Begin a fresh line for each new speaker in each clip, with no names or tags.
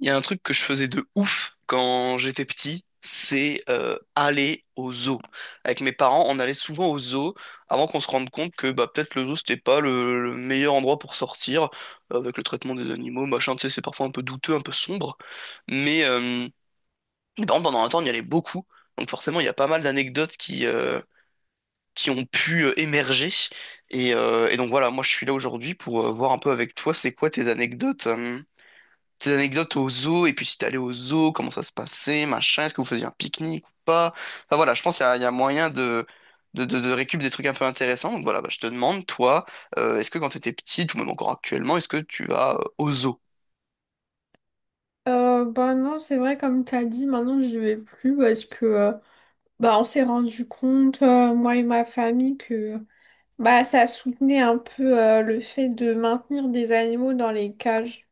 Il y a un truc que je faisais de ouf quand j'étais petit, c'est aller au zoo. Avec mes parents, on allait souvent au zoo avant qu'on se rende compte que bah, peut-être le zoo, c'était pas le meilleur endroit pour sortir, avec le traitement des animaux, machin, tu sais, c'est parfois un peu douteux, un peu sombre. Mais euh, mais par contre, pendant un temps, on y allait beaucoup. Donc forcément, il y a pas mal d'anecdotes qui ont pu émerger. Et donc voilà, moi, je suis là aujourd'hui pour voir un peu avec toi, c'est quoi tes anecdotes, tes anecdotes au zoo, et puis si t'es allé au zoo, comment ça se passait, machin, est-ce que vous faisiez un pique-nique ou pas? Enfin voilà, je pense qu'il y a moyen de récup des trucs un peu intéressants. Donc voilà, bah, je te demande, toi, est-ce que quand t'étais petite, ou même encore actuellement, est-ce que tu vas au zoo?
Bah non, c'est vrai, comme t'as dit, maintenant je vais plus parce que bah, on s'est rendu compte, moi et ma famille, que bah, ça soutenait un peu le fait de maintenir des animaux dans les cages.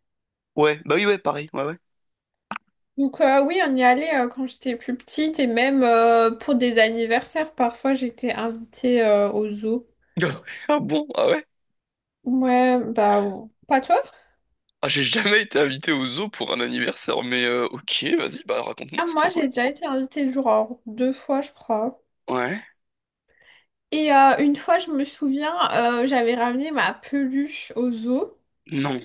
Ouais, bah oui, ouais, pareil, ouais, ouais.
Donc oui, on y allait quand j'étais plus petite et même pour des anniversaires, parfois j'étais invitée au zoo.
Ah bon? Ah ouais?
Ouais, bah bon. Pas toi?
Ah, j'ai jamais été invité au zoo pour un anniversaire, mais ok, vas-y, bah raconte-moi,
Ah,
c'est
moi
trop cool.
j'ai déjà été invitée genre deux fois, je crois.
Ouais,
Une fois, je me souviens, j'avais ramené ma peluche au zoo.
non,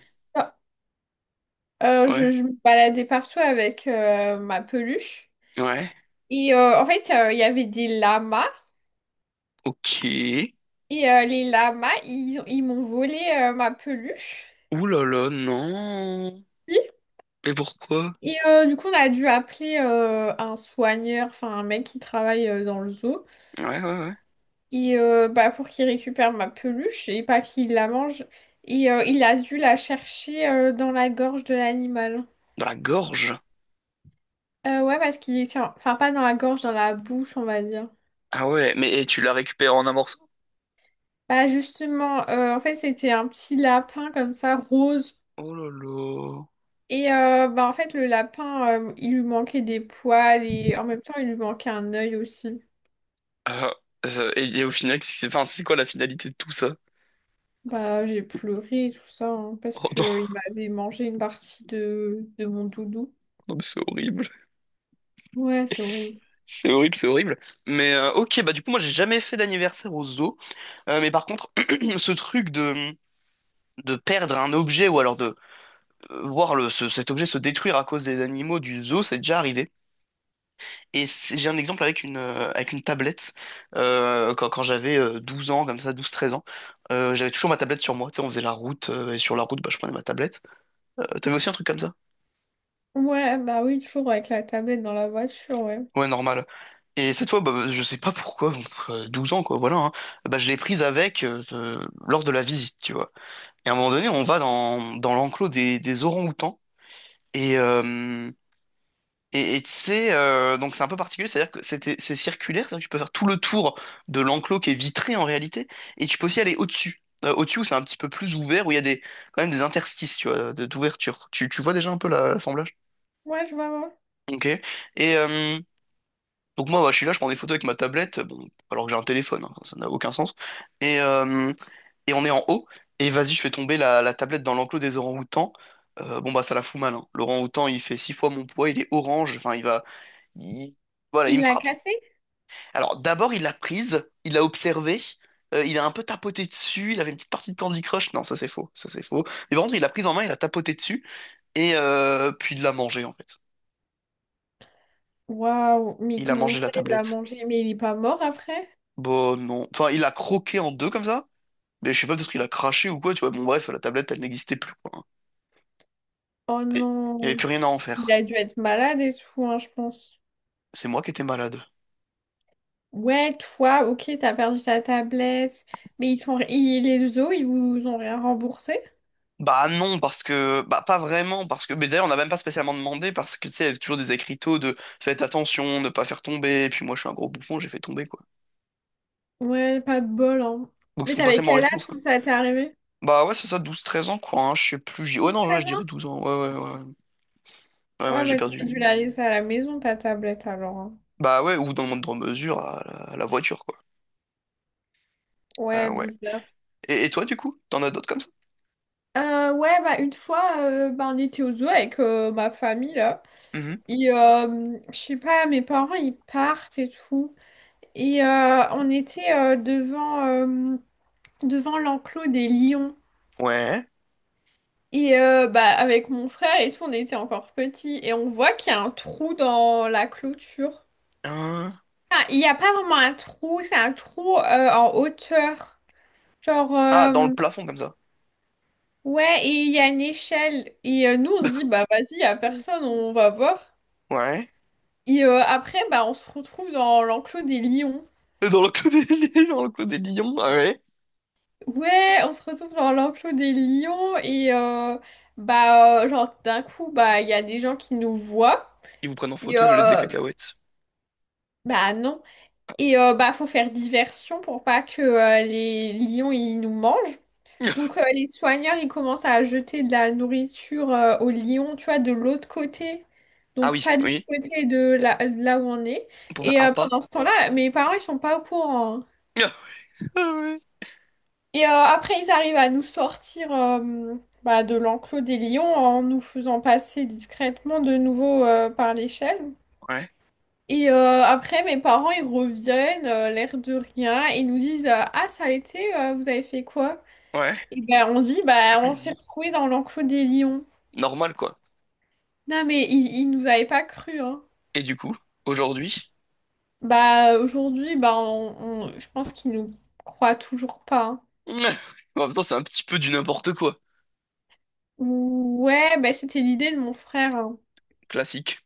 ouais,
Je me baladais partout avec ma peluche.
ouais,
En fait, il y avait des lamas.
ok.
Les lamas, ils m'ont volé ma peluche.
Ouh là là, non.
Oui.
Mais pourquoi?
Du coup, on a dû appeler un soigneur, enfin un mec qui travaille dans le zoo.
Ouais, ouais, ouais.
Bah, pour qu'il récupère ma peluche et pas qu'il la mange. Il a dû la chercher dans la gorge de l'animal.
Dans la gorge?
Ouais, parce qu'il est... Enfin, pas dans la gorge, dans la bouche, on va dire.
Ah ouais, mais et tu l'as récupéré en un morceau?
Bah justement, en fait, c'était un petit lapin comme ça, rose.
Oh là là.
Bah en fait, le lapin, il lui manquait des poils et en même temps, il lui manquait un œil aussi.
Ah, et au final, c'est enfin, c'est quoi la finalité de tout ça?
Bah j'ai pleuré et tout ça, hein, parce
Oh
que
non,
euh, il m'avait mangé une partie de mon doudou.
non mais c'est horrible.
Ouais, c'est horrible.
C'est horrible, c'est horrible. Mais ok, bah du coup, moi j'ai jamais fait d'anniversaire au zoo. Mais par contre, ce truc de perdre un objet ou alors de voir cet objet se détruire à cause des animaux du zoo, c'est déjà arrivé. Et c'est- j'ai un exemple avec une tablette. Quand j'avais 12 ans, comme ça, douze treize ans, j'avais toujours ma tablette sur moi. Tu sais, on faisait la route, et sur la route, bah, je prenais ma tablette. T'avais aussi un truc comme ça?
Ouais, bah oui, toujours avec la tablette dans la voiture, ouais.
Ouais, normal. Et cette fois, bah, bah, je sais pas pourquoi, bon, 12 ans, quoi, voilà, hein, bah, je l'ai prise avec lors de la visite, tu vois. Et à un moment donné, on va dans l'enclos des orang-outans. Et, euh, et tu Donc c'est un peu particulier, c'est-à-dire que c'était, c'est circulaire, c'est-à-dire que tu peux faire tout le tour de l'enclos qui est vitré en réalité, et tu peux aussi aller au-dessus. Au-dessus où c'est un petit peu plus ouvert, où il y a des, quand même des interstices, tu vois, d'ouverture. Tu vois déjà un peu l'assemblage?
Ouais, je vois, ouais.
Ok. Et donc moi, bah, je suis là, je prends des photos avec ma tablette, bon, alors que j'ai un téléphone, hein, ça n'a aucun sens. Et, euh, et on est en haut, et vas-y, je fais tomber la tablette dans l'enclos des orang-outans. Bon bah ça la fout mal, hein. L'orang-outan il fait 6 fois mon poids, il est orange, enfin il va, il- voilà, il
Il
me
l'a
frappe.
cassé?
Alors, d'abord, il l'a prise, il l'a observée, il a un peu tapoté dessus, il avait une petite partie de Candy Crush. Non, ça c'est faux, ça c'est faux. Mais par contre, il l'a prise en main, il a tapoté dessus, puis il l'a mangé en fait.
Waouh, mais
Il a
comment
mangé la
ça, il l'a
tablette.
mangé? Mais il est pas mort après?
Bon, non. Enfin, il l'a croqué en deux comme ça, mais je sais pas, peut-être qu'il a craché ou quoi, tu vois. Bon, bref, la tablette, elle n'existait plus, quoi.
Oh
Et il n'y avait
non,
plus rien à en
il
faire.
a dû être malade et tout, hein, je pense.
C'est moi qui étais malade.
Ouais, toi, ok, t'as perdu ta tablette, mais ils les os, ils vous ont rien remboursé?
Bah non, parce que... Bah pas vraiment, parce que... Mais d'ailleurs, on n'a même pas spécialement demandé, parce que, tu sais, il y avait toujours des écriteaux de «faites attention, ne pas faire tomber», et puis moi, je suis un gros bouffon, j'ai fait tomber, quoi.
Ouais, pas de bol, hein.
Donc ils
Mais
sont pas
t'avais
tellement
quel âge quand
responsables.
ça t'est arrivé?
Bah ouais, c'est ça, douze treize ans, quoi, hein, je sais plus... Oh
Douze,
non, ouais,
treize
je dirais
ans?
12 ans, ouais, ouais, ouais. Ouais, ouais,
Ouais,
j'ai
bah t'aurais dû
perdu.
la laisser à la maison, ta tablette, alors, hein.
Bah ouais, ou dans le moindre mesure, à la voiture, quoi.
Ouais,
Ouais.
bizarre.
Et toi, du coup, t'en as d'autres comme ça?
Ouais, bah une fois, bah, on était au zoo avec ma famille, là.
Mhm.
Je sais pas, mes parents, ils partent et tout. On était devant l'enclos des lions.
Ouais.
Bah, avec mon frère et tout, on était encore petits. Et on voit qu'il y a un trou dans la clôture.
Hein.
Ah, il n'y a pas vraiment un trou, c'est un trou en hauteur. Genre,
Ah, dans le
euh,
plafond, comme ça.
ouais, et il y a une échelle. Nous, on se dit, bah vas-y, il n'y a
Mm.
personne, on va voir.
Ouais.
Après, bah, on se retrouve dans l'enclos des lions.
Et Dans le clos des, dans le clos des lions, ah ouais.
Ouais, on se retrouve dans l'enclos des lions et bah genre d'un coup bah il y a des gens qui nous voient
Ils vous prennent en
et
photo, ils vous jettent des
euh,
cacahuètes.
bah non et bah faut faire diversion pour pas que les lions ils nous mangent. Donc les soigneurs ils commencent à jeter de la nourriture aux lions, tu vois, de l'autre côté.
Ah
Donc
oui,
pas du
oui.
côté de là, là où on est.
On pouvait ah pas.
Pendant ce temps-là, mes parents ils sont pas au courant, hein.
Ah ouais.
Après, ils arrivent à nous sortir bah, de l'enclos des lions en nous faisant passer discrètement de nouveau par l'échelle.
Ouais,
Après, mes parents, ils reviennent, l'air de rien, et ils nous disent ah, ça a été, vous avez fait quoi?
ouais.
Et ben, on dit bah, on s'est retrouvés dans l'enclos des lions.
Normal, quoi.
Non, mais ils nous avaient pas cru, hein.
Et du coup, aujourd'hui,
Bah, aujourd'hui, bah, je pense qu'ils nous croient toujours pas, hein.
en même temps, c'est un petit peu du n'importe quoi.
Ouais, bah, c'était l'idée de mon frère, hein.
Classique.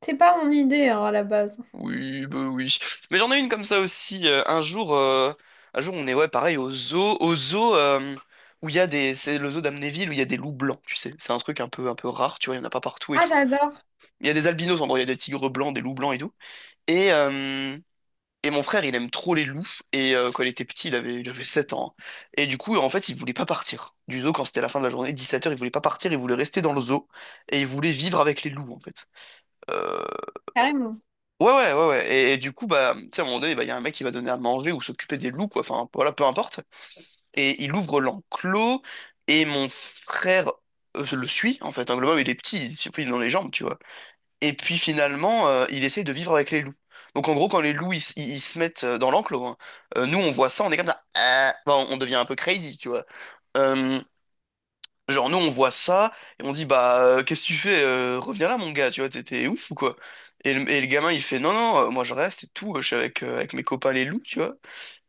C'était pas mon idée, hein, à la base.
Oui, bah oui. Mais j'en ai une comme ça aussi. Un jour, on est, ouais, pareil, au zoo, où il y a des, c'est le zoo d'Amnéville où il y a des loups blancs, tu sais. C'est un truc un peu, rare, tu vois, il y en a pas partout et
Ah,
tout.
j'adore,
Il y a des albinos, en gros, il y a des tigres blancs, des loups blancs et tout. Et, euh, Et mon frère, il aime trop les loups. Quand il était petit, il avait 7 ans. Et du coup, en fait, il voulait pas partir du zoo quand c'était la fin de la journée, 17 heures. Il voulait pas partir, il voulait rester dans le zoo. Et il voulait vivre avec les loups, en fait. Euh,
carrément.
Ouais, ouais, ouais, ouais. Et du coup, bah, tu sais, à un moment donné, bah, il y a un mec qui va donner à manger ou s'occuper des loups, quoi. Enfin, voilà, peu importe. Et il ouvre l'enclos. Et mon frère le suit, en fait. Hein, le moment il est petit, il est dans les jambes, tu vois. Et puis finalement, il essaye de vivre avec les loups. Donc en gros, quand les loups ils se mettent dans l'enclos, hein, nous on voit ça, on est comme ça, ah. Enfin, on devient un peu crazy, tu vois. Euh, genre nous on voit ça et on dit bah qu'est-ce que tu fais, reviens là mon gars, tu vois, t'es ouf ou quoi? Et le gamin il fait non non, moi je reste et tout, je suis avec avec mes copains les loups, tu vois.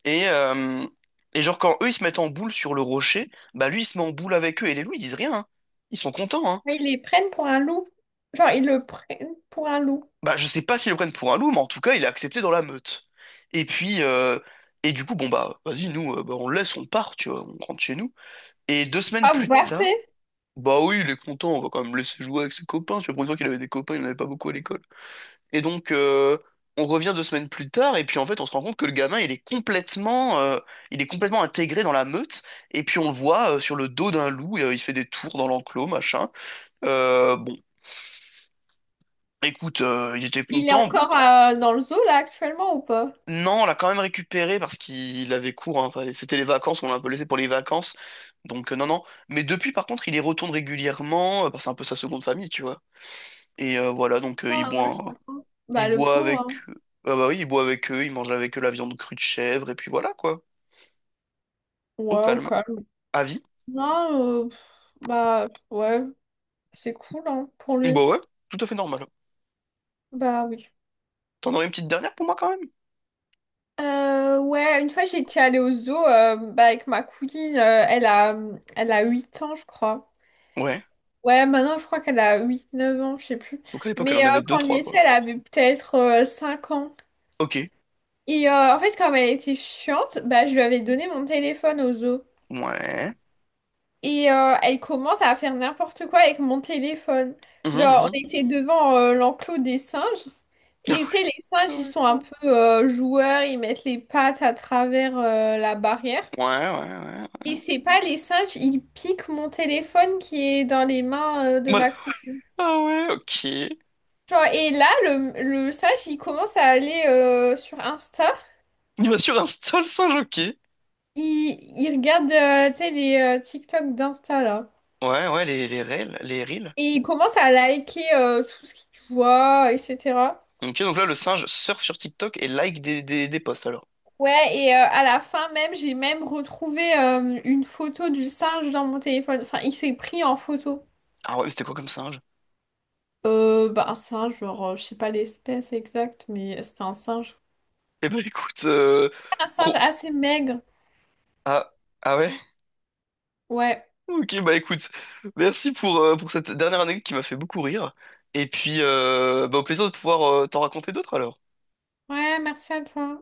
Et euh, et genre quand eux ils se mettent en boule sur le rocher, bah lui il se met en boule avec eux et les loups ils disent rien, hein. Ils sont contents, hein.
Mais ils les prennent pour un loup. Genre, ils le prennent pour un loup.
Bah, je sais pas s'ils le prennent pour un loup, mais en tout cas, il est accepté dans la meute. Et puis, du coup, bon, bah, vas-y, nous, bah, on le laisse, on part, tu vois, on rentre chez nous. Et 2 semaines
Ah, vous
plus tard,
partez?
bah oui, il est content, on va quand même le laisser jouer avec ses copains, tu vois, pour une fois qu'il avait des copains, il n'en avait pas beaucoup à l'école. Et donc, on revient 2 semaines plus tard, et puis en fait, on se rend compte que le gamin, il est complètement intégré dans la meute, et puis on le voit sur le dos d'un loup, et, il fait des tours dans l'enclos, machin. Bon, écoute, il était
Il est
content.
encore dans le zoo, là, actuellement, ou pas?
Non, on l'a quand même récupéré parce qu'il avait cours. Hein. Enfin, c'était les vacances, on l'a un peu laissé pour les vacances. Donc non, non. Mais depuis, par contre, il y retourne régulièrement, parce que c'est un peu sa seconde famille, tu vois. Et voilà, donc il
Ah,
boit,
ouais, je comprends.
il
Bah, le
boit
pauvre,
avec,
hein.
ah bah oui, il boit avec eux, il mange avec eux la viande crue de chèvre et puis voilà quoi. Au
Ouais, au
calme,
calme.
à vie.
Non, pff, bah, pff, ouais, c'est cool, hein, pour lui.
Bah ouais, tout à fait normal.
Bah, oui.
T'en aurais une petite dernière pour moi quand même?
Ouais, une fois, j'étais allée au zoo bah, avec ma cousine. Elle a 8 ans, je crois.
Ouais.
Ouais, maintenant, je crois qu'elle a huit neuf ans, je sais plus.
Donc à l'époque, elle
Mais
en avait deux,
quand on y
trois quoi.
était, elle avait peut-être 5 ans.
Ok.
En fait, comme elle était chiante, bah, je lui avais donné mon téléphone au zoo.
Ouais.
Elle commence à faire n'importe quoi avec mon téléphone.
Mhm,
Genre,
mhm.
on était devant l'enclos des singes. Et tu sais, les singes, ils sont un peu joueurs, ils mettent les pattes à travers la barrière.
Ouais, ouais,
Et c'est pas les singes, ils piquent mon téléphone qui est dans les mains de
ouais.
ma cousine.
Ah ouais, ok.
Genre, et là, le singe, il commence à aller sur Insta.
Il va sur Insta, le singe, ok.
Il regarde, tu sais, les TikTok d'Insta, là.
Ouais, ouais, les reels.
Et il commence à liker tout ce qu'il voit, etc.
Ok, donc là, le singe surfe sur TikTok et like des posts, alors.
Ouais, et à la fin même, j'ai même retrouvé une photo du singe dans mon téléphone. Enfin, il s'est pris en photo.
Ah ouais, mais c'était quoi comme singe?
Bah, un singe, genre, je sais pas l'espèce exacte, mais c'était un singe.
Eh ben, écoute,
Un singe
trop...
assez maigre.
Ah, ah ouais?
Ouais.
Ok, bah écoute, merci pour cette dernière anecdote qui m'a fait beaucoup rire. Et puis, bah, au plaisir de pouvoir t'en raconter d'autres, alors.
Ouais, merci à toi.